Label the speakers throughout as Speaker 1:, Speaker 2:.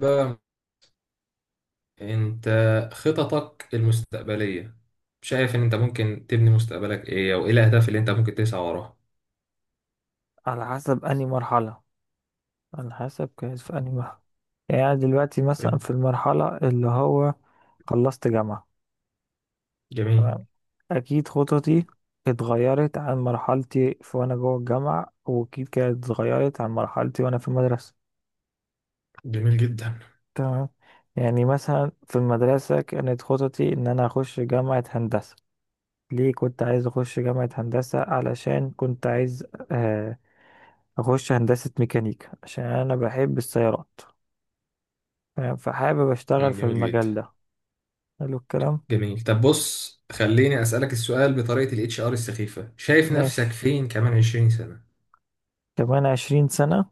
Speaker 1: بقى انت، خططك المستقبلية شايف ان انت ممكن تبني مستقبلك ايه، او ايه الاهداف اللي انت ممكن تسعى وراها؟
Speaker 2: على حسب أنهي مرحلة، على حسب كانت في أنهي مرحلة. يعني أنا دلوقتي مثلا
Speaker 1: طيب،
Speaker 2: في المرحلة اللي هو خلصت جامعة.
Speaker 1: جميل.
Speaker 2: تمام. أكيد خططي اتغيرت عن مرحلتي في وأنا جوه الجامعة، وأكيد كانت اتغيرت عن مرحلتي وأنا في المدرسة.
Speaker 1: جميل جدا.
Speaker 2: تمام. يعني مثلا في المدرسة كانت خططي إن أنا أخش جامعة هندسة. ليه كنت عايز أخش جامعة هندسة؟ علشان كنت عايز آه، أخش هندسة ميكانيكا عشان أنا بحب السيارات. تمام، فحابب اشتغل في
Speaker 1: جميل جدا.
Speaker 2: المجال ده. حلو الكلام.
Speaker 1: جميل، طب بص خليني اسألك السؤال بطريقة الاتش ار السخيفة، شايف نفسك
Speaker 2: ماشي.
Speaker 1: فين كمان 20 سنة؟
Speaker 2: كمان 20 سنة،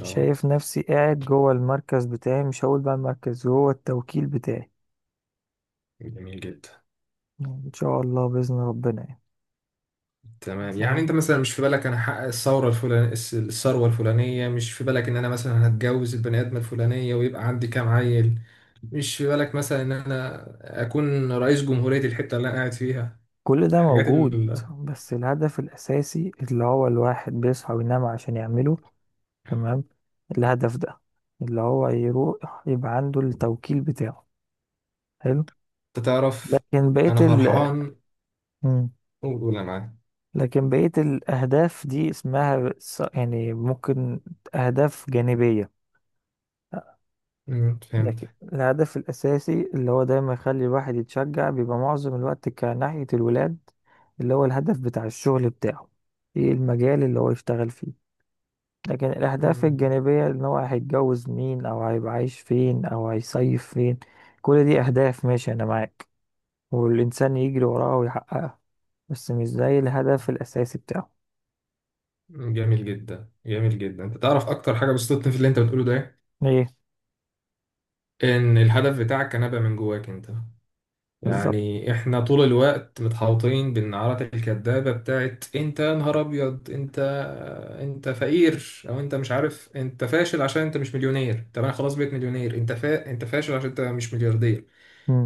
Speaker 1: اه.
Speaker 2: شايف نفسي قاعد جوه المركز بتاعي، مش هقول بقى المركز، جوه التوكيل بتاعي.
Speaker 1: جميل جدا.
Speaker 2: يعني ان شاء الله بإذن ربنا يعني.
Speaker 1: تمام، يعني
Speaker 2: فاهم.
Speaker 1: انت مثلا مش في بالك انا هحقق الثوره الفلانيه، الثروه الفلانيه؟ مش في بالك ان انا مثلا هتجوز البني ادمه الفلانيه ويبقى عندي كام عيل؟ مش في بالك مثلا ان انا اكون رئيس جمهورية الحتة اللي انا قاعد فيها؟
Speaker 2: كل ده
Speaker 1: الحاجات
Speaker 2: موجود،
Speaker 1: اللي،
Speaker 2: بس الهدف الأساسي اللي هو الواحد بيصحى وينام عشان يعمله، تمام، الهدف ده، اللي هو يروح يبقى عنده التوكيل بتاعه. حلو.
Speaker 1: انت تعرف،
Speaker 2: لكن بقية
Speaker 1: انا
Speaker 2: ال
Speaker 1: فرحان
Speaker 2: مم.
Speaker 1: وقول انا معاك.
Speaker 2: لكن بقية الأهداف دي اسمها يعني ممكن أهداف جانبية. لكن
Speaker 1: فهمت.
Speaker 2: الهدف الأساسي اللي هو دايما يخلي الواحد يتشجع بيبقى معظم الوقت كناحية الولاد، اللي هو الهدف بتاع الشغل بتاعه، ايه المجال اللي هو يشتغل فيه. لكن الأهداف
Speaker 1: أمم،
Speaker 2: الجانبية إن هو هيتجوز مين أو هيبقى عايش فين أو هيصيف فين، كل دي أهداف، ماشي أنا معاك، والإنسان يجري وراها ويحققها، بس مش زي الهدف الأساسي بتاعه.
Speaker 1: جميل جدا. جميل جدا، انت تعرف اكتر حاجة بسطتني في اللي انت بتقوله ده إيه؟
Speaker 2: ايه.
Speaker 1: ان الهدف بتاعك كان ابقى من جواك انت.
Speaker 2: بالظبط.
Speaker 1: يعني احنا طول الوقت متحوطين بالنعرات الكدابة بتاعت انت يا نهار ابيض، انت انت فقير، او انت مش عارف، انت فاشل عشان انت مش مليونير. طب انا خلاص بقيت مليونير، انت انت فاشل عشان انت مش ملياردير.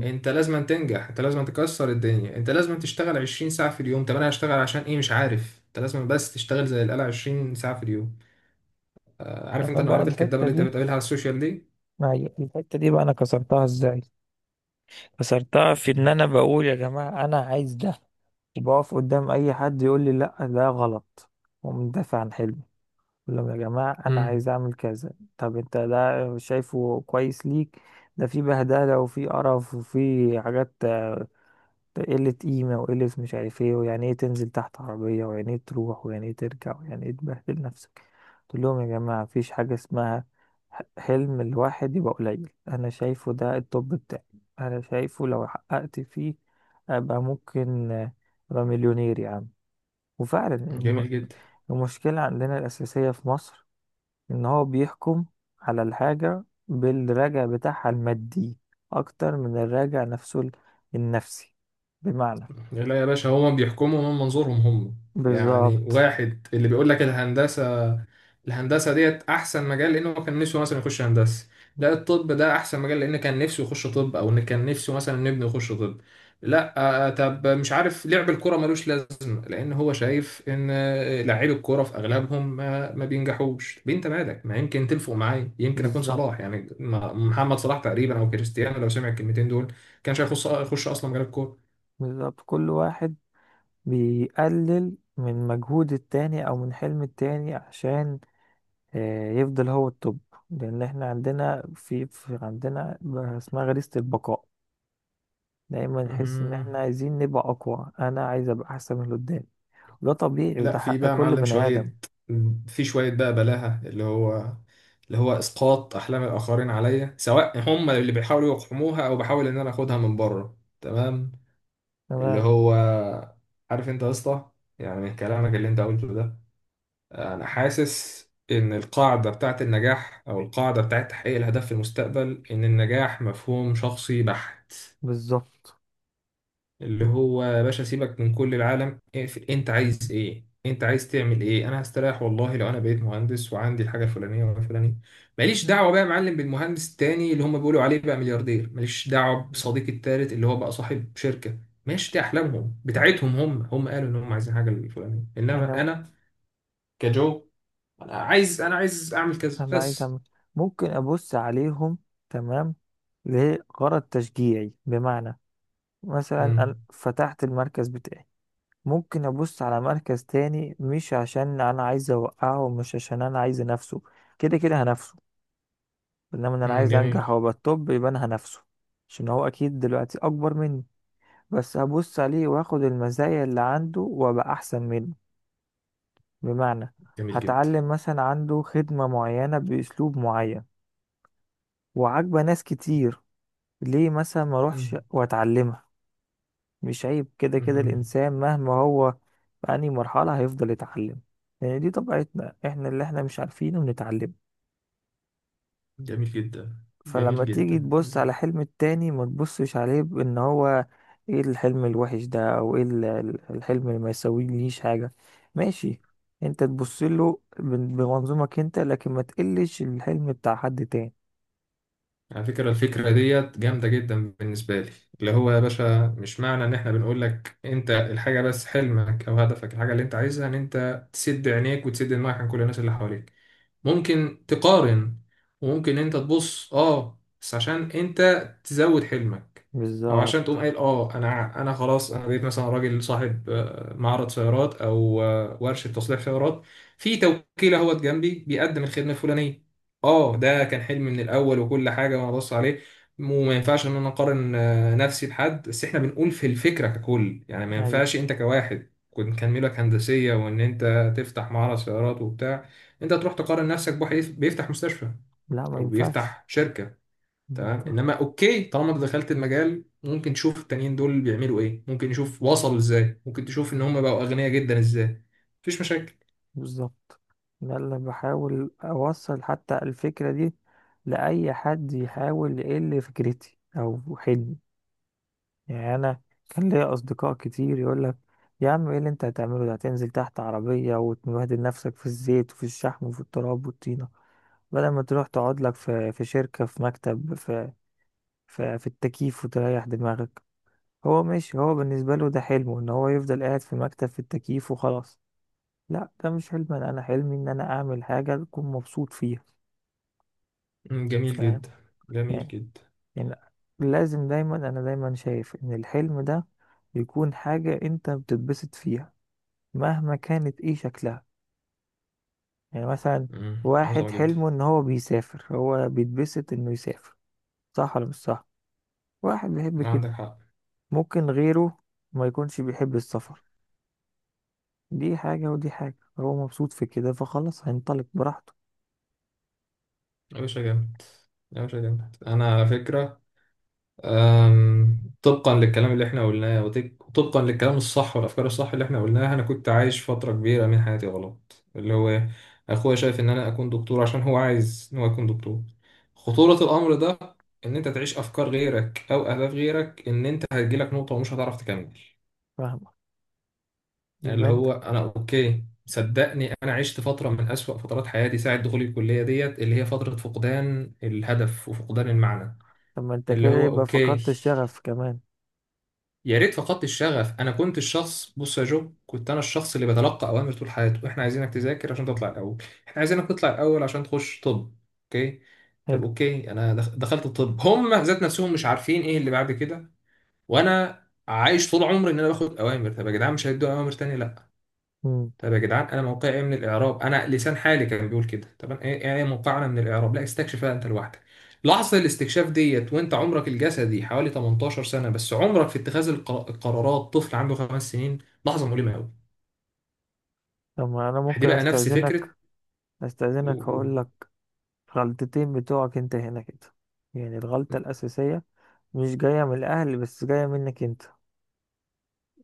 Speaker 1: انت لازم أن تنجح، انت لازم أن تكسر الدنيا، انت لازم أن تشتغل 20 ساعة في اليوم. طب انا هشتغل عشان ايه؟ مش عارف، انت لازم بس تشتغل زي القلع 20 ساعة في اليوم. عارف
Speaker 2: انا
Speaker 1: انت
Speaker 2: بقى
Speaker 1: النعرات الكدابة
Speaker 2: الحته
Speaker 1: اللي انت
Speaker 2: دي،
Speaker 1: بتقابلها على السوشيال دي؟
Speaker 2: ما هي الحته دي بقى انا كسرتها ازاي؟ كسرتها في ان انا بقول يا جماعه انا عايز ده، وبقف قدام اي حد يقول لي لا ده غلط، ومدافع عن حلمي. بقول لهم يا جماعه انا عايز
Speaker 1: امم،
Speaker 2: اعمل كذا. طب انت ده شايفه كويس ليك. ده في بهدله وفي قرف وفي حاجات، ده قلة قيمة وقلة مش عارف ايه، ويعني ايه تنزل تحت عربية، ويعني ايه تروح، ويعني ايه ترجع، ويعني ايه تبهدل نفسك. تقول لهم يا جماعة، مفيش حاجة اسمها حلم الواحد يبقى قليل. أنا شايفه ده التوب بتاعي، أنا شايفه لو حققت فيه أبقى ممكن أبقى مليونير يا عم. وفعلا
Speaker 1: جميل جدا.
Speaker 2: المشكلة عندنا الأساسية في مصر، إن هو بيحكم على الحاجة بالراجع بتاعها المادي أكتر من الراجع نفسه النفسي. بمعنى.
Speaker 1: لا يا باشا، هما بيحكموا من منظورهم هم. يعني
Speaker 2: بالظبط.
Speaker 1: واحد اللي بيقول لك الهندسة، الهندسة ديت أحسن مجال لأنه كان نفسه مثلا يخش هندسة. لا، الطب ده أحسن مجال لأن كان نفسه يخش طب، أو إن كان نفسه مثلا ابنه يخش طب. لا. طب مش عارف، لعب الكرة ملوش لازمة لأن هو شايف إن لاعبي الكرة في أغلبهم ما بينجحوش. طب أنت مالك؟ ما يمكن تلفق معايا، يمكن أكون
Speaker 2: بالظبط.
Speaker 1: صلاح، يعني محمد صلاح تقريبا، أو كريستيانو لو سمع الكلمتين دول كانش هيخش، يخش أصلا مجال الكورة.
Speaker 2: بالظبط. كل واحد بيقلل من مجهود التاني او من حلم التاني عشان يفضل هو التوب. لان احنا عندنا في عندنا اسمها غريزة البقاء، دايما نحس ان
Speaker 1: مهم.
Speaker 2: احنا عايزين نبقى اقوى، انا عايز ابقى احسن من اللي قدامي. ده طبيعي
Speaker 1: لا
Speaker 2: وده
Speaker 1: في
Speaker 2: حق
Speaker 1: بقى
Speaker 2: كل
Speaker 1: معلم
Speaker 2: بني ادم.
Speaker 1: شوية، في شوية بقى بلاهة، اللي هو اللي هو إسقاط أحلام الآخرين عليا، سواء هم اللي بيحاولوا يقحموها أو بحاول إن أنا آخدها من بره. تمام، اللي
Speaker 2: تمام.
Speaker 1: هو، عارف أنت يا اسطى، يعني من كلامك اللي أنت قلته ده أنا حاسس إن القاعدة بتاعت النجاح، أو القاعدة بتاعت تحقيق الهدف في المستقبل، إن النجاح مفهوم شخصي بحت.
Speaker 2: بالظبط.
Speaker 1: اللي هو يا باشا، سيبك من كل العالم، اقفل. انت عايز ايه؟ انت عايز تعمل ايه؟ انا هستريح والله لو انا بقيت مهندس وعندي الحاجه الفلانيه والفلانيه. ماليش دعوه بقى يا معلم بالمهندس التاني اللي هم بيقولوا عليه بقى ملياردير، ماليش دعوه بصديقي التالت اللي هو بقى صاحب شركه. ماشي، دي احلامهم بتاعتهم هم، هم قالوا ان هم عايزين حاجه الفلانيه، انما
Speaker 2: انا
Speaker 1: انا كجو، انا عايز اعمل كذا
Speaker 2: انا عايز
Speaker 1: بس.
Speaker 2: أعمل، ممكن ابص عليهم. تمام. لغرض تشجيعي. بمعنى، مثلا أنا
Speaker 1: امم.
Speaker 2: فتحت المركز بتاعي، ممكن أبص على مركز تاني، مش عشان أنا عايز أوقعه ومش عشان أنا عايز أنافسه، كده كده هنافسه، إنما إن أنا
Speaker 1: امم،
Speaker 2: عايز
Speaker 1: جميل.
Speaker 2: أنجح وأبقى التوب يبقى أنا هنافسه. عشان هو أكيد دلوقتي أكبر مني، بس هبص عليه وآخد المزايا اللي عنده وأبقى أحسن منه. بمعنى،
Speaker 1: جميل جدا.
Speaker 2: هتعلم مثلا عنده خدمة معينة بأسلوب معين وعاجبة ناس كتير، ليه مثلا ما أروحش
Speaker 1: امم.
Speaker 2: وأتعلمها؟ مش عيب، كده كده
Speaker 1: امم،
Speaker 2: الإنسان مهما هو في أي مرحلة هيفضل يتعلم. يعني دي طبيعتنا احنا، اللي احنا مش عارفينه بنتعلم.
Speaker 1: جميل جدا.
Speaker 2: فلما
Speaker 1: جميل
Speaker 2: تيجي
Speaker 1: جدا،
Speaker 2: تبص على حلم التاني ما تبصش عليه بإن هو ايه الحلم الوحش ده، أو ايه الحلم اللي ما يسويليش حاجة، ماشي، انت تبص له بمنظومك انت، لكن ما تقلش الحلم بتاع حد تاني.
Speaker 1: على فكرة، الفكرة ديت جامدة جدا بالنسبة لي. اللي هو يا باشا، مش معنى ان احنا بنقول لك انت الحاجة بس حلمك او هدفك الحاجة اللي انت عايزها، ان انت تسد عينيك وتسد دماغك عن كل الناس اللي حواليك. ممكن تقارن، وممكن انت تبص اه بس عشان انت تزود حلمك، او عشان تقوم
Speaker 2: بالظبط.
Speaker 1: قايل اه انا انا خلاص انا بقيت مثلا راجل صاحب معرض سيارات او ورشة تصليح سيارات. في توكيل اهوت جنبي بيقدم الخدمة الفلانية، اه ده كان حلمي من الاول، وكل حاجة وانا ببص عليه. وما ينفعش ان انا اقارن نفسي بحد. بس احنا بنقول في الفكرة ككل، يعني ما
Speaker 2: ايوه.
Speaker 1: ينفعش انت كواحد كنت كان ميولك هندسية وان انت تفتح معرض سيارات وبتاع، انت تروح تقارن نفسك بواحد بيفتح مستشفى
Speaker 2: لا ما
Speaker 1: او
Speaker 2: ينفعش.
Speaker 1: بيفتح شركه.
Speaker 2: ما
Speaker 1: تمام،
Speaker 2: ينفعش.
Speaker 1: انما اوكي طالما انت دخلت المجال، ممكن تشوف التانيين دول بيعملوا ايه، ممكن نشوف وصلوا ازاي، ممكن تشوف ان هم بقوا اغنياء جدا ازاي. مفيش مشاكل.
Speaker 2: بالظبط. ده اللي بحاول أوصل حتى الفكرة دي لأي حد يحاول يقل فكرتي أو حلمي. يعني أنا كان ليا أصدقاء كتير يقولك يا عم، إيه اللي أنت هتعمله ده؟ هتنزل تحت عربية وتبهدل نفسك في الزيت وفي الشحم وفي التراب والطينة، بدل ما تروح تقعد لك في في شركة في مكتب في في التكييف وتريح دماغك. هو ماشي، هو بالنسبة له ده حلمه إن هو يفضل قاعد في مكتب في التكييف وخلاص. لا ده مش حلم انا، أنا حلمي ان انا اعمل حاجه اكون مبسوط فيها.
Speaker 1: جميل
Speaker 2: فاهم.
Speaker 1: جدا. جميل
Speaker 2: يعني
Speaker 1: جدا.
Speaker 2: يعني لازم دايما، انا دايما شايف ان الحلم ده يكون حاجه انت بتتبسط فيها، مهما كانت ايه شكلها. يعني مثلا
Speaker 1: مم،
Speaker 2: واحد
Speaker 1: عظمه جدا.
Speaker 2: حلمه ان هو بيسافر، هو بيتبسط انه يسافر، صح ولا مش صح؟ واحد بيحب كده،
Speaker 1: عندك حق.
Speaker 2: ممكن غيره ما يكونش بيحب السفر، دي حاجه ودي حاجه، هو مبسوط في كده فخلاص هينطلق براحته.
Speaker 1: يا باشا جامد، يا باشا جامد. انا على فكره، طبقا للكلام اللي احنا قلناه وطبقا للكلام الصح والافكار الصح اللي احنا قلناها، انا كنت عايش فتره كبيره من حياتي غلط، اللي هو إيه؟ اخويا شايف ان انا اكون دكتور عشان هو عايز ان هو يكون دكتور. خطوره الامر ده ان انت تعيش افكار غيرك او اهداف غيرك، ان انت هتجيلك نقطه ومش هتعرف تكمل.
Speaker 2: فاهم.
Speaker 1: يعني اللي
Speaker 2: يبقى انت،
Speaker 1: هو انا، اوكي صدقني، انا عشت فتره من اسوأ فترات حياتي ساعه دخولي الكليه ديت، اللي هي فتره فقدان الهدف وفقدان المعنى.
Speaker 2: طب ما انت
Speaker 1: اللي
Speaker 2: كده
Speaker 1: هو
Speaker 2: يبقى
Speaker 1: اوكي،
Speaker 2: فقدت الشغف كمان.
Speaker 1: يا ريت فقدت الشغف. انا كنت الشخص، بص يا جو، كنت انا الشخص اللي بتلقى اوامر طول حياته. احنا عايزينك تذاكر عشان تطلع الاول، احنا عايزينك تطلع الاول عشان تخش طب. اوكي. طب
Speaker 2: حلو.
Speaker 1: اوكي انا دخلت الطب، هم ذات نفسهم مش عارفين ايه اللي بعد كده. وانا عايش طول عمري ان انا باخد اوامر، طب يا جدعان مش هيدوا اوامر تانية؟ لا.
Speaker 2: مم.
Speaker 1: طب يا جدعان، انا موقعي ايه من الاعراب؟ انا لسان حالي كان بيقول كده، طب انا ايه، ايه، إيه موقعنا من الاعراب؟ لا، استكشفها انت لوحدك. لحظه الاستكشاف ديت وانت عمرك الجسدي حوالي 18 سنه بس عمرك في اتخاذ القرارات طفل عنده 5 سنين، لحظه مؤلمه قوي.
Speaker 2: طب ما انا ممكن
Speaker 1: هتبقى نفس فكره
Speaker 2: استأذنك،
Speaker 1: و-
Speaker 2: استأذنك
Speaker 1: و-
Speaker 2: هقول لك غلطتين بتوعك انت هنا كده. يعني الغلطة الأساسية مش جاية من الأهل بس، جاية منك انت.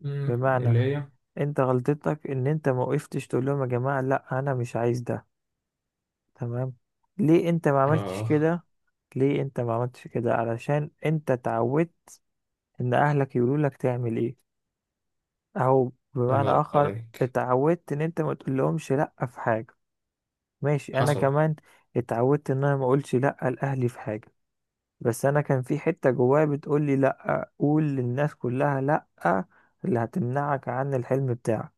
Speaker 1: اللي
Speaker 2: بمعنى،
Speaker 1: هي.
Speaker 2: انت غلطتك ان انت ما وقفتش تقول لهم يا جماعة لا انا مش عايز ده. تمام. ليه انت ما عملتش
Speaker 1: اخ،
Speaker 2: كده؟ ليه انت ما عملتش كده؟ علشان انت اتعودت ان اهلك يقولوا لك تعمل ايه، او
Speaker 1: الله
Speaker 2: بمعنى
Speaker 1: ينور
Speaker 2: اخر
Speaker 1: عليك،
Speaker 2: اتعودت ان انت ما تقول لهمش لا في حاجة. ماشي، انا
Speaker 1: حصل.
Speaker 2: كمان اتعودت ان انا ما اقولش لا لاهلي في حاجه، بس انا كان في حته جوايا بتقول لي لا، قول للناس كلها لا، اللي هتمنعك عن الحلم بتاعك.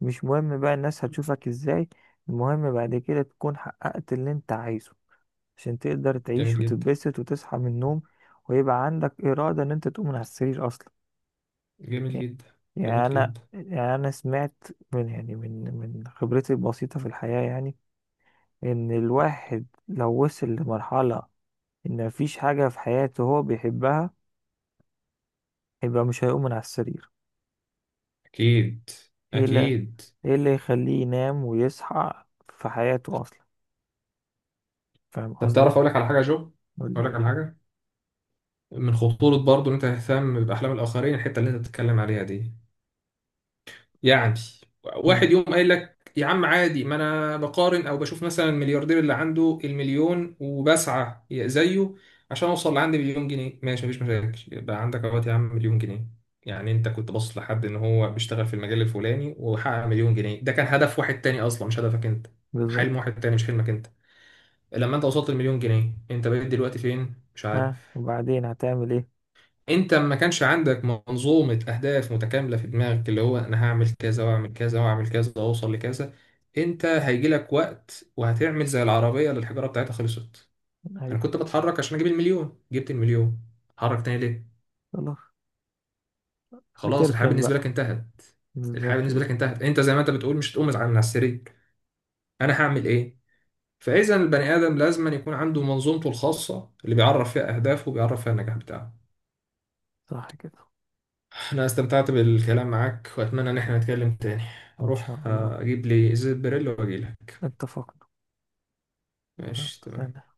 Speaker 2: مش مهم بقى الناس هتشوفك ازاي، المهم بعد كده تكون حققت اللي انت عايزه، عشان تقدر تعيش
Speaker 1: جميل جدا.
Speaker 2: وتتبسط وتصحى من النوم، ويبقى عندك اراده ان انت تقوم من على السرير اصلا.
Speaker 1: جميل
Speaker 2: يعني،
Speaker 1: جدا.
Speaker 2: يعني
Speaker 1: جميل
Speaker 2: انا،
Speaker 1: جدا.
Speaker 2: يعني انا سمعت من، يعني من خبرتي البسيطه في الحياه، يعني ان الواحد لو وصل لمرحلة ان مفيش حاجة في حياته هو بيحبها، يبقى مش هيقوم من على السرير.
Speaker 1: اكيد،
Speaker 2: ايه اللي،
Speaker 1: اكيد.
Speaker 2: ايه اللي يخليه ينام ويصحى في حياته اصلا؟ فاهم
Speaker 1: طب
Speaker 2: قصدي.
Speaker 1: تعرف اقول لك على حاجه يا جو؟
Speaker 2: قول لي
Speaker 1: اقول لك
Speaker 2: على
Speaker 1: على
Speaker 2: حاجة.
Speaker 1: حاجه، من خطورة برضه إن أنت تهتم بأحلام الآخرين الحتة اللي أنت بتتكلم عليها دي. يعني واحد
Speaker 2: امم.
Speaker 1: يوم قايل لك يا عم عادي، ما أنا بقارن أو بشوف مثلا الملياردير اللي عنده المليون وبسعى زيه عشان أوصل لعندي مليون جنيه. ماشي، مفيش مشاكل، يبقى عندك أهوت يا عم مليون جنيه. يعني أنت كنت باصص لحد إن هو بيشتغل في المجال الفلاني وحقق مليون جنيه، ده كان هدف واحد تاني أصلا، مش هدفك أنت.
Speaker 2: بالظبط.
Speaker 1: حلم واحد تاني مش حلمك أنت. لما أنت وصلت المليون جنيه، أنت بقيت دلوقتي فين؟ مش عارف.
Speaker 2: ها، وبعدين هتعمل ايه؟
Speaker 1: انت ما كانش عندك منظومة اهداف متكاملة في دماغك، اللي هو انا هعمل كذا واعمل كذا واعمل كذا واوصل لكذا. انت هيجي لك وقت وهتعمل زي العربية اللي الحجارة بتاعتها خلصت. انا
Speaker 2: ايوه.
Speaker 1: كنت بتحرك عشان اجيب المليون، جبت المليون، اتحرك تاني ليه؟
Speaker 2: خلاص.
Speaker 1: خلاص، الحياة
Speaker 2: هتركن
Speaker 1: بالنسبة
Speaker 2: بقى.
Speaker 1: لك انتهت. الحياة
Speaker 2: بالظبط
Speaker 1: بالنسبة
Speaker 2: كده.
Speaker 1: لك انتهت، انت زي ما انت بتقول مش هتقوم من على السرير. انا هعمل ايه؟ فاذا البني ادم لازم أن يكون عنده منظومته الخاصة اللي بيعرف فيها اهدافه وبيعرف فيها النجاح بتاعه.
Speaker 2: صح كده.
Speaker 1: أنا استمتعت بالكلام معاك وأتمنى إن احنا نتكلم تاني.
Speaker 2: ان
Speaker 1: أروح
Speaker 2: شاء الله.
Speaker 1: أجيب لي إزازة بريل وأجيلك.
Speaker 2: اتفقنا. ها،
Speaker 1: ماشي تمام.
Speaker 2: سلام.